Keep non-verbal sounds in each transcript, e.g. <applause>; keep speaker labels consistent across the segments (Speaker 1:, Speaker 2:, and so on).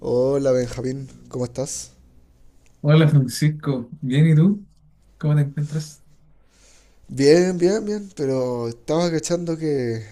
Speaker 1: Hola Benjamín, ¿cómo estás?
Speaker 2: Hola Francisco, bien y tú, ¿cómo te encuentras?
Speaker 1: Bien, bien, bien, pero estaba cachando que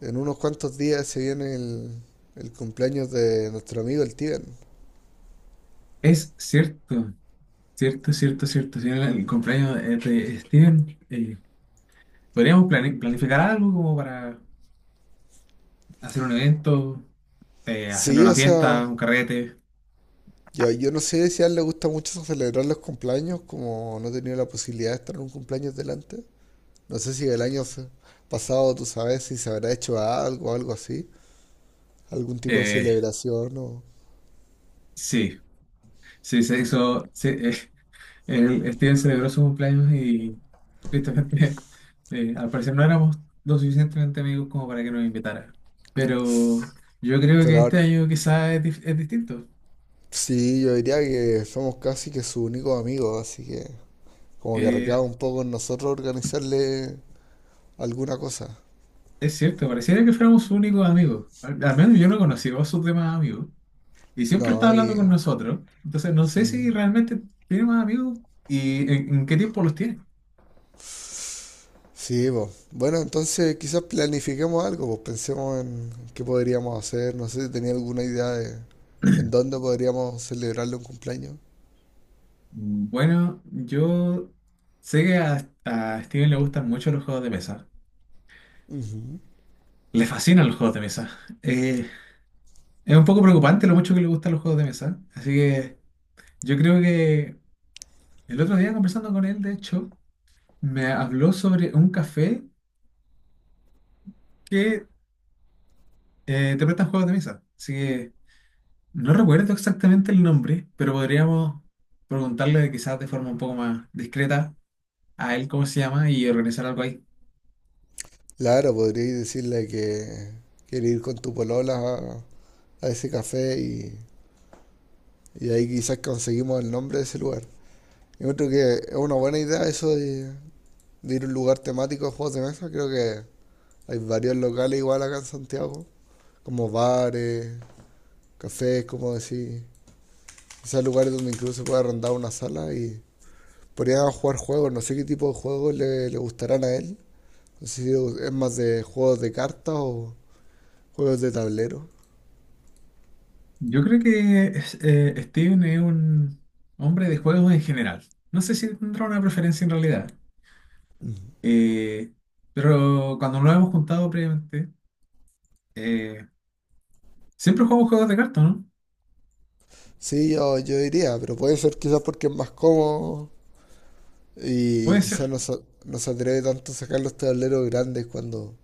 Speaker 1: en unos cuantos días se viene el cumpleaños de nuestro amigo el Tiben.
Speaker 2: Es cierto, cierto, cierto, cierto. Si era el cumpleaños de Steven, podríamos planificar algo como para hacer un evento, hacerle
Speaker 1: Sí,
Speaker 2: una
Speaker 1: o sea,
Speaker 2: fiesta, un carrete.
Speaker 1: yo no sé si a él le gusta mucho celebrar los cumpleaños, como no he tenido la posibilidad de estar en un cumpleaños delante. No sé si el pasado, tú sabes, si se habrá hecho algo, algo así, algún tipo de
Speaker 2: Eh,
Speaker 1: celebración o...
Speaker 2: sí, sí, se hizo. Sí, Steven celebró su cumpleaños y tristemente, <laughs> al parecer no éramos lo suficientemente amigos como para que nos invitara. Pero yo creo
Speaker 1: Pero
Speaker 2: que este
Speaker 1: ahora,
Speaker 2: año quizás es distinto.
Speaker 1: sí, yo diría que somos casi que su único amigo, así que... Como que
Speaker 2: Eh,
Speaker 1: recaba un poco en nosotros organizarle alguna cosa.
Speaker 2: Es cierto, pareciera que fuéramos únicos amigos. Al menos yo no conocía a sus demás amigos. Y siempre está
Speaker 1: No,
Speaker 2: hablando
Speaker 1: y...
Speaker 2: con nosotros. Entonces no sé
Speaker 1: Sí.
Speaker 2: si realmente tiene más amigos y en qué tiempo los tiene.
Speaker 1: Sí, pues. Bueno, entonces quizás planifiquemos algo, pues pensemos en qué podríamos hacer. No sé si tenía alguna idea de en dónde podríamos celebrarle un cumpleaños.
Speaker 2: Bueno, yo sé que a Steven le gustan mucho los juegos de mesa.
Speaker 1: Ujú.
Speaker 2: Le fascinan los juegos de mesa. Eh, es un poco preocupante lo mucho que le gustan los juegos de mesa. Así que yo creo que el otro día conversando con él, de hecho, me habló sobre un café que te prestan juegos de mesa. Así que no recuerdo exactamente el nombre, pero podríamos preguntarle quizás de forma un poco más discreta a él cómo se llama y organizar algo ahí.
Speaker 1: Claro, podríais decirle que quiere ir con tu polola a ese café y ahí quizás conseguimos el nombre de ese lugar. Yo creo que es una buena idea eso de ir a un lugar temático de juegos de mesa. Creo que hay varios locales igual acá en Santiago, como bares, cafés, como decir. Quizás lugares donde incluso se puede arrendar una sala y podrían jugar juegos. No sé qué tipo de juegos le, le gustarán a él. No sé si es más de juegos de cartas o juegos de tablero.
Speaker 2: Yo creo que Steven es un hombre de juegos en general. No sé si tendrá una preferencia en realidad. Eh, pero cuando nos hemos juntado previamente, eh, siempre jugamos juegos de cartas, ¿no?
Speaker 1: Sí, yo diría, pero puede ser quizás porque es más cómodo y
Speaker 2: Puede
Speaker 1: quizás
Speaker 2: ser.
Speaker 1: no se atreve tanto a sacar los tableros grandes cuando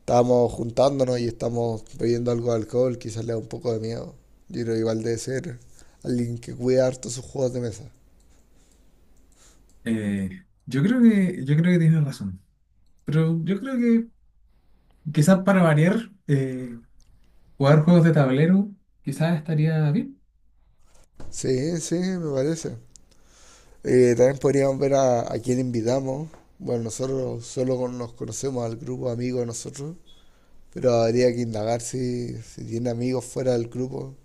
Speaker 1: estábamos juntándonos y estamos bebiendo algo de alcohol, quizás le da un poco de miedo. Yo creo igual debe ser alguien que cuida harto sus juegos de mesa.
Speaker 2: Yo creo que, tienes razón, pero yo creo que quizás para variar, jugar juegos de tablero quizás estaría bien.
Speaker 1: Sí, sí, me parece. También podríamos ver a quién invitamos. Bueno, nosotros nos conocemos al grupo de amigos de nosotros, pero habría que indagar si, si tiene amigos fuera del grupo.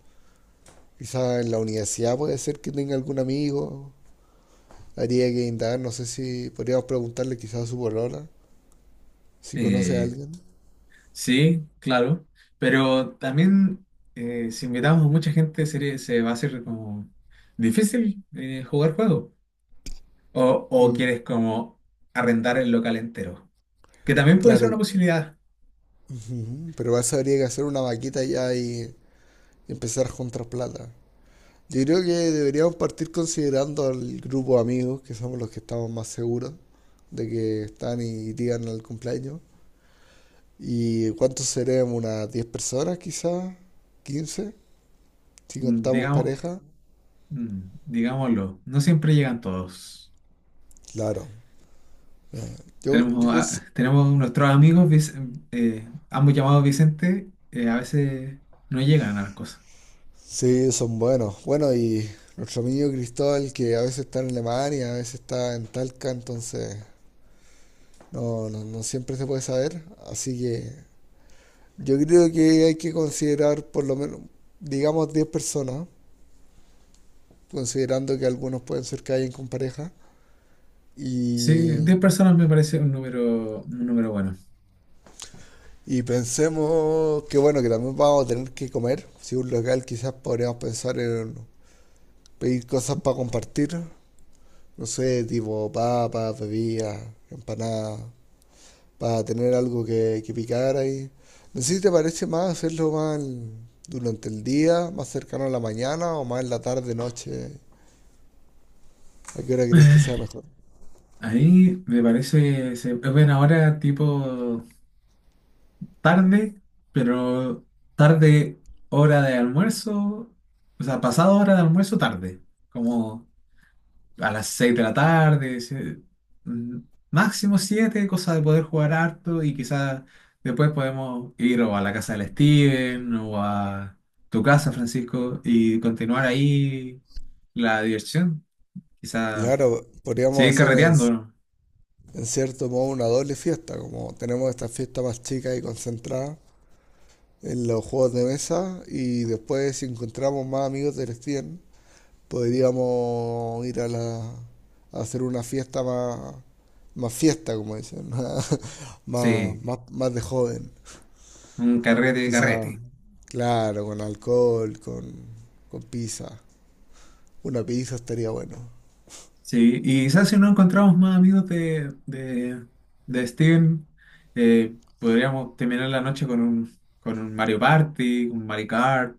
Speaker 1: Quizás en la universidad puede ser que tenga algún amigo. Habría que indagar, no sé si podríamos preguntarle quizás a su polola, si conoce a
Speaker 2: Eh,
Speaker 1: alguien.
Speaker 2: sí, claro. Pero también si invitamos a mucha gente sería, se va a hacer como difícil jugar juegos. O, o
Speaker 1: Mm,
Speaker 2: quieres como arrendar el local entero. Que también puede ser
Speaker 1: claro.
Speaker 2: una posibilidad.
Speaker 1: Ujú. Pero vas a habría que hacer una vaquita ya y empezar a juntar plata. Yo creo que deberíamos partir considerando al grupo de amigos, que somos los que estamos más seguros de que están y llegan al cumpleaños. ¿Y cuántos seremos? ¿Unas 10 personas quizás? 15 si contamos
Speaker 2: Digamos,
Speaker 1: pareja.
Speaker 2: digámoslo, no siempre llegan todos.
Speaker 1: Claro. Yo, yo
Speaker 2: Tenemos,
Speaker 1: consi-
Speaker 2: a- tenemos nuestros amigos, ambos llamados Vicente, a veces no llegan a las cosas.
Speaker 1: Sí, son buenos. Bueno, y nuestro amigo Cristóbal, que a veces está en Alemania, a veces está en Talca, entonces no siempre se puede saber. Así que yo creo que hay que considerar por lo menos, digamos, 10 personas, considerando que algunos pueden ser que hayan con pareja.
Speaker 2: Sí,
Speaker 1: Y,
Speaker 2: 10 personas me parece un número bueno. <sighs>
Speaker 1: y pensemos que, bueno, que también vamos a tener que comer. Si un local quizás podríamos pensar en pedir cosas para compartir. No sé, tipo papas, bebidas, empanadas, para tener algo que picar ahí. No sé si te parece más hacerlo más durante el día, más cercano a la mañana o más en la tarde, noche. ¿A qué hora crees que sea
Speaker 2: Eh,
Speaker 1: mejor?
Speaker 2: ahí me parece, se ven ahora tipo tarde, pero tarde hora de almuerzo, o sea, pasado hora de almuerzo tarde, como a las 6 de la tarde, mm, máximo 7, cosa de poder jugar harto y quizás después podemos ir o a la casa del Steven o a tu casa, Francisco, y continuar ahí la diversión.
Speaker 1: Y
Speaker 2: Quizá
Speaker 1: claro, podríamos
Speaker 2: seguir
Speaker 1: hacer
Speaker 2: carreteando, ¿no?
Speaker 1: en cierto modo una doble fiesta, como tenemos esta fiesta más chica y concentrada en los juegos de mesa y después si encontramos más amigos del Steam, podríamos ir a hacer una fiesta más, más fiesta, como dicen, <laughs>
Speaker 2: Sí,
Speaker 1: más de joven.
Speaker 2: un carrete,
Speaker 1: Quizá,
Speaker 2: carrete.
Speaker 1: claro, con alcohol, con pizza. Una pizza estaría bueno.
Speaker 2: Sí, y quizás si no encontramos más amigos de Steven, podríamos terminar la noche con un Mario Party, un Mario Kart.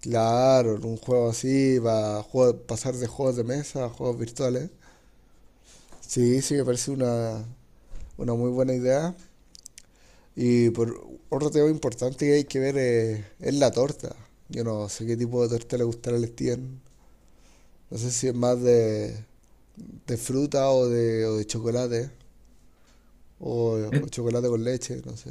Speaker 1: Claro, un juego así, para pasar de juegos de mesa a juegos virtuales. Sí, sí, me parece una muy buena idea. Y por otro tema importante que hay que ver es la torta. Yo no sé qué tipo de torta le gustará al Steven. No sé si es más de fruta o de chocolate. O, o
Speaker 2: Eh,
Speaker 1: chocolate con leche, no sé.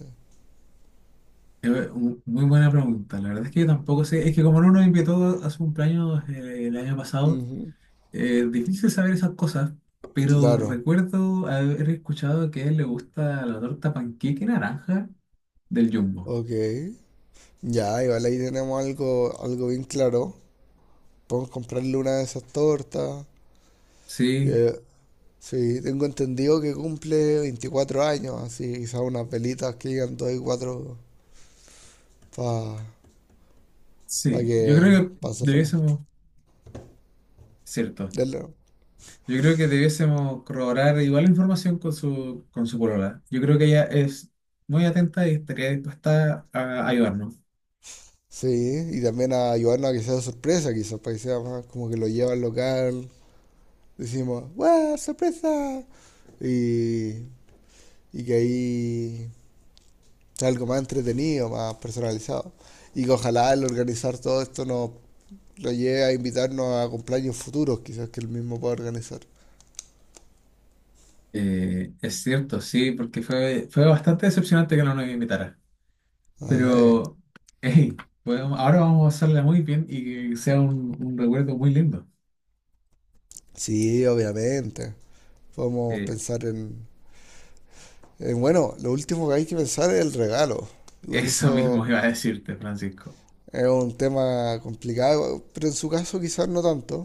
Speaker 2: muy buena pregunta, la verdad es que yo tampoco sé, es que como no nos invitó a su cumpleaños el año pasado,
Speaker 1: Ujú.
Speaker 2: difícil saber esas cosas, pero
Speaker 1: Claro,
Speaker 2: recuerdo haber escuchado que a él le gusta la torta panqueque naranja del Jumbo.
Speaker 1: ok. Ya, igual ahí tenemos algo, algo bien claro. Podemos comprarle una de esas tortas.
Speaker 2: Sí,
Speaker 1: Eh, Sí, tengo entendido que cumple 24 años, así quizás unas velitas que digan 2 y 4 para
Speaker 2: sí, yo
Speaker 1: que
Speaker 2: creo que
Speaker 1: pásenlo,
Speaker 2: cierto,
Speaker 1: denle.
Speaker 2: debiésemos corroborar igual la información con su polola. Yo creo que ella es muy atenta y estaría dispuesta a ayudarnos.
Speaker 1: Sí, y también a ayudarnos a que sea sorpresa, quizás, para que sea más como que lo lleva al local, decimos, ¡guau, sorpresa! Y, y que ahí sea algo más entretenido, más personalizado. Y que ojalá el organizar todo esto nos lo lleve a invitarnos a cumpleaños futuros, quizás que él mismo pueda organizar.
Speaker 2: Es cierto, sí, porque fue bastante decepcionante que no nos invitara.
Speaker 1: Ah, eh.
Speaker 2: Pero, <laughs> hey, ahora vamos a hacerla muy bien y que sea un recuerdo muy lindo.
Speaker 1: Sí, obviamente. Podemos
Speaker 2: Eh,
Speaker 1: pensar en, bueno, lo último que hay que pensar es el regalo. Igual
Speaker 2: eso mismo
Speaker 1: eso
Speaker 2: iba a decirte, Francisco.
Speaker 1: es un tema complicado, pero en su caso quizás no tanto.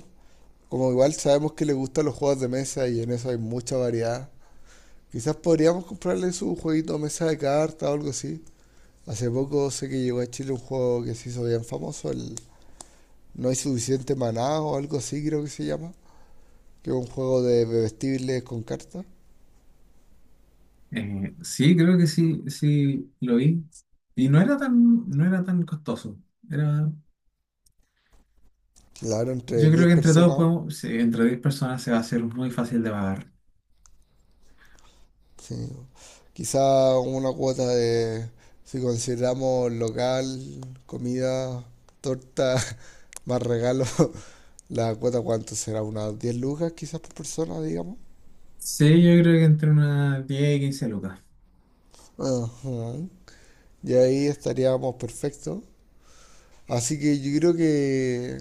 Speaker 1: Como igual sabemos que le gustan los juegos de mesa y en eso hay mucha variedad. Quizás podríamos comprarle su jueguito de mesa de cartas o algo así. Hace poco sé que llegó a Chile un juego que se hizo bien famoso, el No hay suficiente maná o algo así creo que se llama, que es un juego de bebestibles con cartas.
Speaker 2: Sí, creo que sí, sí lo vi. Y no era tan costoso. Era,
Speaker 1: Claro, entre
Speaker 2: yo creo
Speaker 1: diez
Speaker 2: que entre todos
Speaker 1: personas
Speaker 2: podemos, sí, entre 10 personas se va a hacer muy fácil de pagar.
Speaker 1: Sí. Quizá una cuota de, si consideramos local, comida, torta, <laughs> más regalo, <laughs> la cuota cuánto será, unas 10 lucas quizás por persona, digamos.
Speaker 2: Sí, yo creo que entre unas 10 y 15 lucas.
Speaker 1: Ajá. Y ahí estaríamos perfectos. Así que yo creo que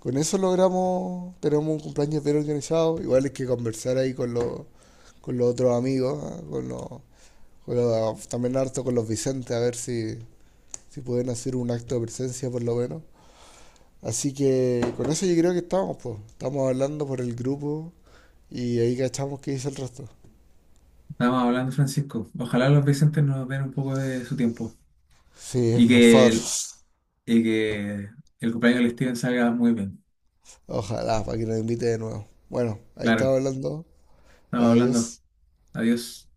Speaker 1: con eso logramos, tenemos un cumpleaños bien organizado. Igual es que conversar ahí con los otros amigos, ah, con los, también harto con los Vicentes, a ver si, si pueden hacer un acto de presencia por lo menos. Así que con eso yo creo que estamos, pues. Estamos hablando por el grupo y ahí cachamos qué dice el resto.
Speaker 2: Estábamos hablando, Francisco. Ojalá los Vicentes nos den un poco de su tiempo.
Speaker 1: Sí,
Speaker 2: Y
Speaker 1: por
Speaker 2: que
Speaker 1: favor.
Speaker 2: el, y que el cumpleaños del Steven salga muy bien.
Speaker 1: Ojalá, para que nos invite de nuevo. Bueno, ahí
Speaker 2: Claro,
Speaker 1: estaba hablando.
Speaker 2: estamos hablando.
Speaker 1: Adiós.
Speaker 2: Adiós.